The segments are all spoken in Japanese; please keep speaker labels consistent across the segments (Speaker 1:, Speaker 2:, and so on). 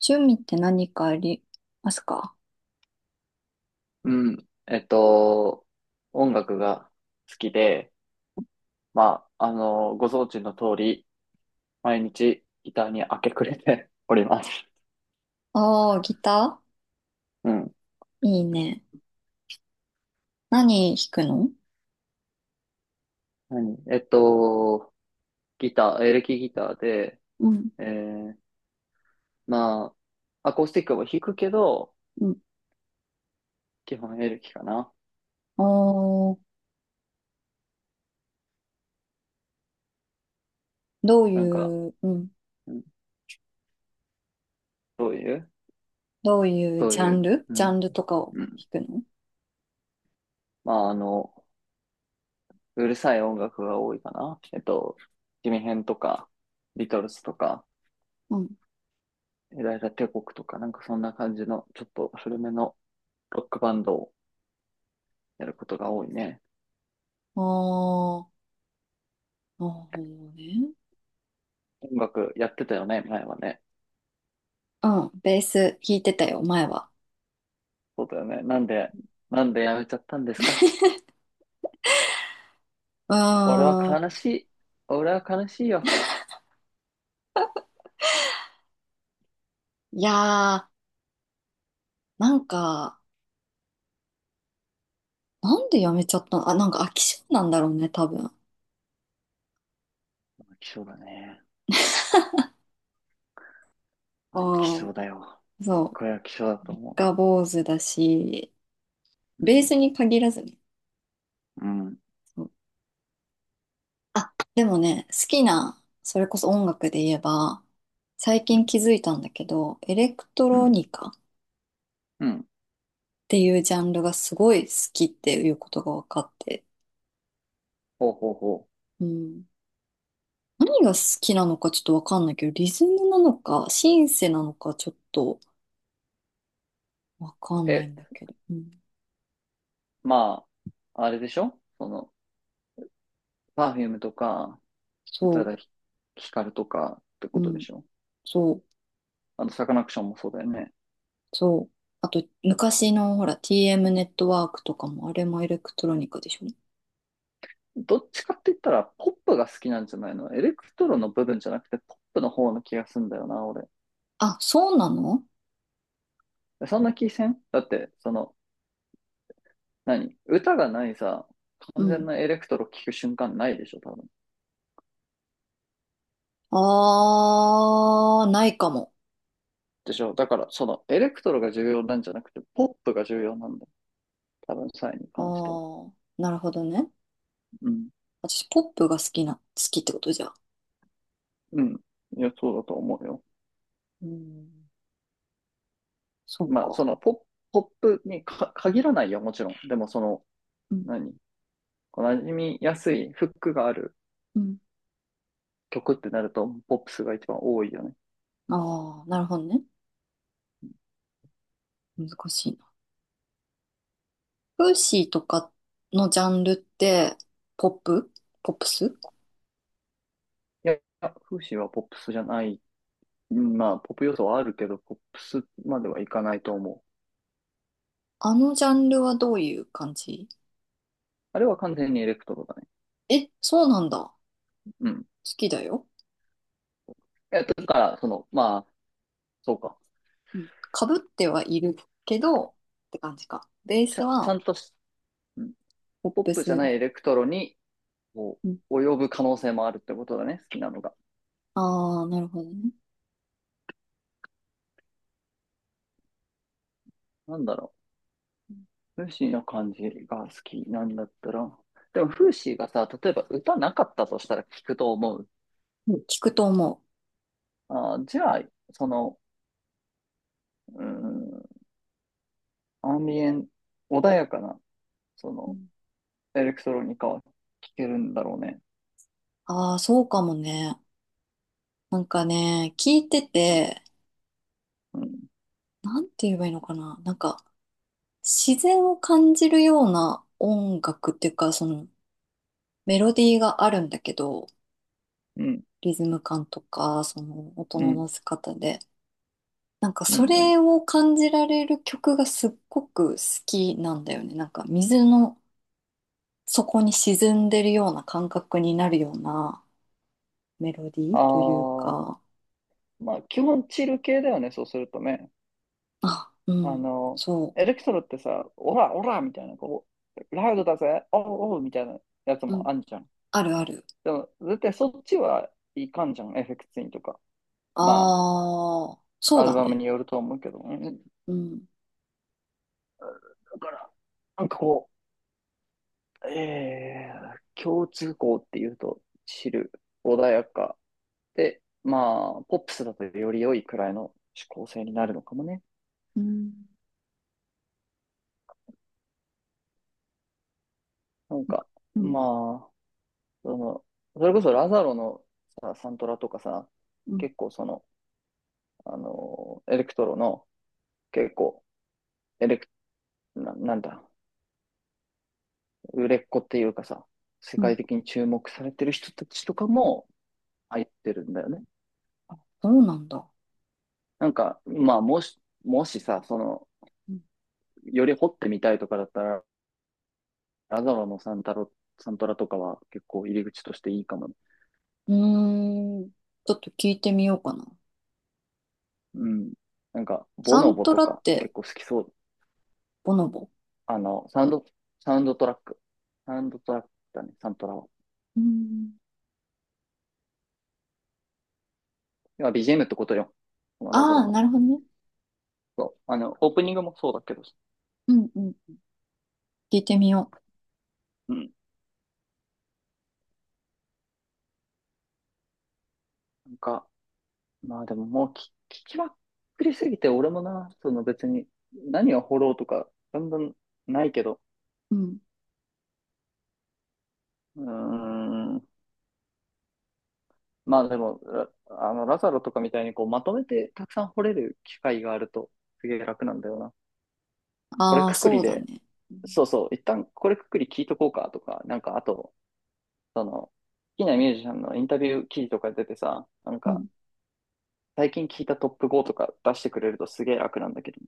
Speaker 1: 趣味って何かありますか？
Speaker 2: うん。音楽が好きで、まあ、あの、ご存知の通り、毎日ギターに明け暮れて おります。
Speaker 1: ああー、ギタ
Speaker 2: うん。
Speaker 1: ーいいね。何弾くの？
Speaker 2: 何えっと、ギター、エレキギターで、
Speaker 1: うん、
Speaker 2: えー、まあ、アコースティックも弾くけど、
Speaker 1: うん。
Speaker 2: 基本エレキかな。
Speaker 1: おー、どうい
Speaker 2: なんか、
Speaker 1: う、うん、
Speaker 2: うん、どういう
Speaker 1: どういう
Speaker 2: どう
Speaker 1: ジャ
Speaker 2: い
Speaker 1: ン
Speaker 2: う、
Speaker 1: ル
Speaker 2: う
Speaker 1: ジャ
Speaker 2: ん、
Speaker 1: ンルとかを
Speaker 2: うん。
Speaker 1: 弾くの？
Speaker 2: まあ、あの、うるさい音楽が多いかな。ジミヘンとか、ビートルズとか、
Speaker 1: うん。
Speaker 2: ユダヤ帝国とかなんかそんな感じのちょっと古めのロックバンドをやることが多いね。
Speaker 1: ああー、なるほどね。
Speaker 2: 音楽やってたよね、前はね。
Speaker 1: うん、ベース弾いてたよ、前は。
Speaker 2: そうだよね。なんでやめちゃったんですか？
Speaker 1: うー
Speaker 2: 俺は
Speaker 1: ん、
Speaker 2: 悲しい。俺は悲しいよ。
Speaker 1: いやー、なんか、なんでやめちゃったの？あ、なんか飽き性なんだろうね、多分。あ
Speaker 2: 飽き性だね。
Speaker 1: あ、
Speaker 2: 飽き性だよ。
Speaker 1: そう、
Speaker 2: これは飽き性だと思
Speaker 1: が坊主だし、
Speaker 2: う。う
Speaker 1: ベー
Speaker 2: ん。
Speaker 1: スに限らずね。
Speaker 2: うん。
Speaker 1: あ、でもね、好きな、それこそ音楽で言えば、最
Speaker 2: うん。
Speaker 1: 近気づいたんだけど、エレクト
Speaker 2: う
Speaker 1: ロニ
Speaker 2: ん。
Speaker 1: カっ
Speaker 2: うん。
Speaker 1: ていうジャンルがすごい好きっていうことが分かって、
Speaker 2: ほうほうほ
Speaker 1: うん。何が好きなのかちょっと分かんないけど、リズムなのか、シンセなのかちょっと分かん
Speaker 2: う。
Speaker 1: ないんだけど、うん。
Speaker 2: まあ、あれでしょ？その、パフュームとか、宇多
Speaker 1: そ
Speaker 2: 田ヒカルとかって
Speaker 1: う、
Speaker 2: こ
Speaker 1: う
Speaker 2: とで
Speaker 1: ん、
Speaker 2: しょ？
Speaker 1: そう、
Speaker 2: あの、サカナクションもそうだよね。
Speaker 1: そう。あと、昔のほら、TM ネットワークとかも、あれもエレクトロニカでしょ？
Speaker 2: どっちかって言ったら、ポップが好きなんじゃないの？エレクトロの部分じゃなくて、ポップの方の気がすんだよな、俺。
Speaker 1: あ、そうなの？
Speaker 2: そんな気せんだって、その、歌がないさ、
Speaker 1: う
Speaker 2: 完全
Speaker 1: ん。
Speaker 2: なエレクトロ聴く瞬間ないでしょ、多分。
Speaker 1: あー、ないかも。
Speaker 2: でしょ？だから、その、エレクトロが重要なんじゃなくて、ポップが重要なんだよ。多分、サイに
Speaker 1: あ
Speaker 2: 関しては。
Speaker 1: ー、なるほどね。
Speaker 2: うん。
Speaker 1: 私、ポップが好きな、好きってことじゃ。
Speaker 2: うん。いや、そうだと思うよ。
Speaker 1: うん、そう
Speaker 2: まあ、そ
Speaker 1: か。
Speaker 2: の、ポップにか限らないよ、もちろん。でも、その、
Speaker 1: うん、
Speaker 2: 何馴染みやすいフックがある
Speaker 1: うん。
Speaker 2: 曲ってなると、ポップスが一番多いよね。
Speaker 1: あー、なるほどね。難しいな。フーシーとかのジャンルって、ポップポップス。
Speaker 2: いや、フーシーはポップスじゃない。うん、まあ、ポップ要素はあるけど、ポップスまではいかないと思う。
Speaker 1: あのジャンルはどういう感じ？
Speaker 2: あれは完全にエレクトロだね。
Speaker 1: え、そうなんだ。好
Speaker 2: うん。い
Speaker 1: きだよ。
Speaker 2: や、だから、その、まあ、そうか。
Speaker 1: うん。かぶってはいるけど、って感じか。ベース
Speaker 2: ちゃ
Speaker 1: は、
Speaker 2: んとし、うん、
Speaker 1: ポッ
Speaker 2: ポッ
Speaker 1: プ
Speaker 2: プじゃな
Speaker 1: ス。
Speaker 2: いエレクトロに、こ
Speaker 1: うん。
Speaker 2: う、及ぶ可能性もあるってことだね、好きなのが。
Speaker 1: あー、なるほどね。
Speaker 2: なんだろう。フーシーの感じが好きなんだったら。でも、フーシーがさ、例えば歌なかったとしたら聞くと思う。
Speaker 1: うん、聞くと思う。
Speaker 2: あー、じゃあ、その、うん、アンビエン、穏やかな、その、エレクトロニカは聴けるんだろうね。
Speaker 1: ああー、そうかもね。なんかね、聞いてて、
Speaker 2: うん、
Speaker 1: なんて言えばいいのかな。なんか、自然を感じるような音楽っていうか、その、メロディーがあるんだけど、
Speaker 2: うん、
Speaker 1: リズム感とか、その、音
Speaker 2: う
Speaker 1: の
Speaker 2: ん、
Speaker 1: 乗せ方で。なんか、
Speaker 2: うん、
Speaker 1: そ
Speaker 2: うん。
Speaker 1: れを感じられる曲がすっごく好きなんだよね。なんか、水の底に沈んでるような感覚になるようなメロディー
Speaker 2: あ
Speaker 1: という
Speaker 2: あ、
Speaker 1: か、
Speaker 2: まあ、基本チル系だよね、そうするとね。
Speaker 1: あ、う
Speaker 2: あ
Speaker 1: ん、
Speaker 2: の、
Speaker 1: そ
Speaker 2: エレクトロってさ、オラ、オラみたいな、こう、ラウドだぜ、おうおうみたいなやつ
Speaker 1: う、うん、
Speaker 2: もあんじゃん。
Speaker 1: あるある。
Speaker 2: でも、絶対そっちはいかんじゃん、エフェクツインとか。ま
Speaker 1: ああ、
Speaker 2: あ、
Speaker 1: そう
Speaker 2: アル
Speaker 1: だ
Speaker 2: バム
Speaker 1: ね。
Speaker 2: によると思うけど。うん、
Speaker 1: うん。
Speaker 2: だから、なんかこう、共通項っていうと、チル、穏やか、で、まあ、ポップスだとより良いくらいの指向性になるのかもね。
Speaker 1: うん。
Speaker 2: なんか、
Speaker 1: うん。
Speaker 2: まあ、その、それこそラザロのさ、サントラとかさ、
Speaker 1: うん。
Speaker 2: 結構その、あの、エレクトロの、結構、エレク、なんだ、売れっ子っていうかさ、世
Speaker 1: うん。
Speaker 2: 界的に注目されてる人たちとかも入ってるんだよね。
Speaker 1: そうなんだ。
Speaker 2: なんか、まあ、もしさ、その、
Speaker 1: うん。
Speaker 2: より掘ってみたいとかだったら、ラザロのサントラとかは結構入り口としていいかもね。
Speaker 1: うーん、ちょっと聞いてみようかな。
Speaker 2: うん。なんか、ボ
Speaker 1: サ
Speaker 2: ノ
Speaker 1: ン
Speaker 2: ボ
Speaker 1: ト
Speaker 2: と
Speaker 1: ラっ
Speaker 2: か
Speaker 1: て、
Speaker 2: 結構好きそう。
Speaker 1: ボノボ。
Speaker 2: あの、サウンドトラック。サウンドトラックだね、サントラは。
Speaker 1: うん。
Speaker 2: 要は BGMってことよ。このラゾロ
Speaker 1: ああ、
Speaker 2: の。
Speaker 1: なるほどね。
Speaker 2: そう。あの、オープニングもそうだけど。
Speaker 1: うん、うん。聞いてみよ
Speaker 2: うん。なんか、まあ、でも、もう聞きまくりすぎて、俺もな、その別に何を掘ろうとか、だんだんないけど。
Speaker 1: う。うん。
Speaker 2: うーん。まあ、でも、ラザロとかみたいにこうまとめてたくさん掘れる機会があると、すげえ楽なんだよな。これ
Speaker 1: ああ、
Speaker 2: くくり
Speaker 1: そうだ
Speaker 2: で、
Speaker 1: ね。うん。
Speaker 2: そうそう、一旦これくくり聞いとこうかとか、なんかあと、その、好きなミュージシャンのインタビュー記事とか出てさ、なん
Speaker 1: う
Speaker 2: か、
Speaker 1: ん。
Speaker 2: 最近聞いたトップ5とか出してくれるとすげえ楽なんだけど。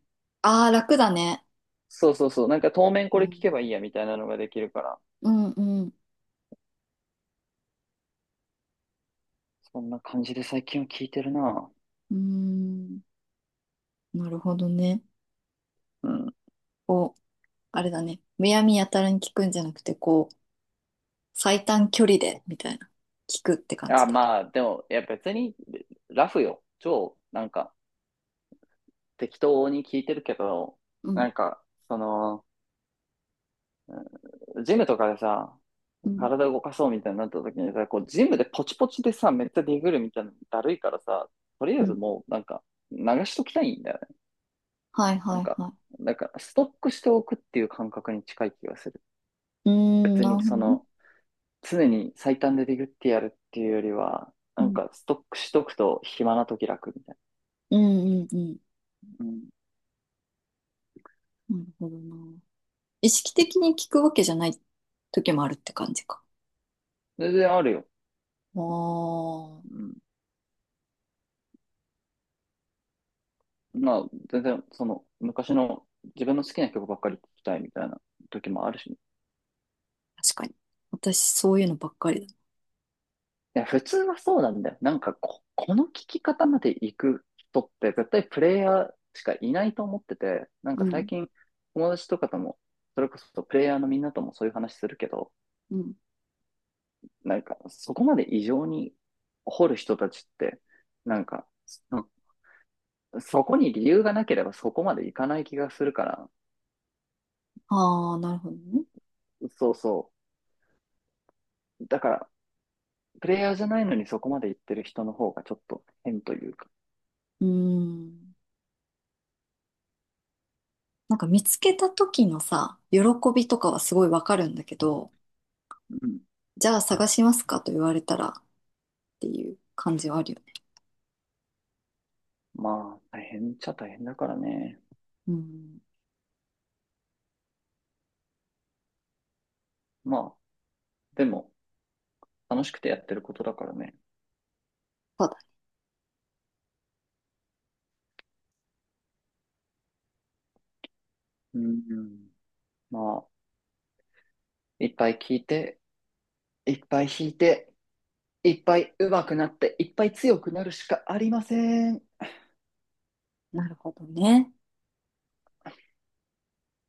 Speaker 1: ああ、楽だね。
Speaker 2: そうそうそう、なんか当面こ
Speaker 1: う
Speaker 2: れ聞け
Speaker 1: ん。
Speaker 2: ばいいやみたいなのができるから、
Speaker 1: うん、うん。
Speaker 2: そんな感じで最近は聞いてるな。
Speaker 1: うーん。なるほどね。
Speaker 2: うん。
Speaker 1: こう、あれだね。むやみやたらに聞くんじゃなくて、こう、最短距離で、みたいな。聞くって感じ
Speaker 2: あ、
Speaker 1: だ。
Speaker 2: まあ、でも、いや別に、ラフよ。超、なんか、適当に聞いてるけど、
Speaker 1: うん、
Speaker 2: なんか、その、ジムとかでさ、
Speaker 1: うん、
Speaker 2: 体動かそうみたいになった時にさ、こう、ジムでポチポチでさ、めっちゃディグるみたいなのだるいからさ、とりあ
Speaker 1: う
Speaker 2: えず
Speaker 1: ん。
Speaker 2: もう、なんか、流しときたいんだよね。
Speaker 1: はい、
Speaker 2: な
Speaker 1: は
Speaker 2: ん
Speaker 1: い、
Speaker 2: か、
Speaker 1: はい。
Speaker 2: ストックしておくっていう感覚に近い気がする。
Speaker 1: うーん、
Speaker 2: 別
Speaker 1: な
Speaker 2: に、
Speaker 1: るほど
Speaker 2: そ
Speaker 1: ね。
Speaker 2: の、常に最短でディグってやるっていうよりは、
Speaker 1: う
Speaker 2: なん
Speaker 1: ん、
Speaker 2: か、ストックしとくと暇な時楽みたい
Speaker 1: うん、うん、うん。
Speaker 2: な。うん。
Speaker 1: なるほどな。意識的に聞くわけじゃない時もあるって感じか？
Speaker 2: 全然あるよ。
Speaker 1: あ
Speaker 2: う
Speaker 1: あ、
Speaker 2: ん。まあ、全然、その、昔の自分の好きな曲ばっかり聴きたいみたいな時もあるしね。
Speaker 1: 確かに。私、そういうのばっかりだ。
Speaker 2: いや、普通はそうなんだよ。なんかこの聞き方まで行く人って絶対プレイヤーしかいないと思ってて、なん
Speaker 1: う
Speaker 2: か最
Speaker 1: ん、
Speaker 2: 近友達とかとも、それこそプレイヤーのみんなともそういう話するけど、
Speaker 1: うん。
Speaker 2: なんかそこまで異常に掘る人たちって、なんか、そこに理由がなければそこまで行かない気がするから、
Speaker 1: ああ、なるほどね。
Speaker 2: そうそう。だから、プレイヤーじゃないのにそこまで行ってる人の方がちょっと変というか、
Speaker 1: うーん。なんか見つけた時のさ、喜びとかはすごいわかるんだけど、
Speaker 2: うん。
Speaker 1: じゃあ探しますかと言われたらっていう感じはあるよね。
Speaker 2: まあ、大変っちゃ大変だからね。
Speaker 1: うん。
Speaker 2: まあ、でも、楽しくてやってることだからね。
Speaker 1: そうだ。
Speaker 2: うん。まあ、いっぱい聞いて、いっぱい弾いて、いっぱい上手くなって、いっぱい強くなるしかありません。
Speaker 1: なるほどね。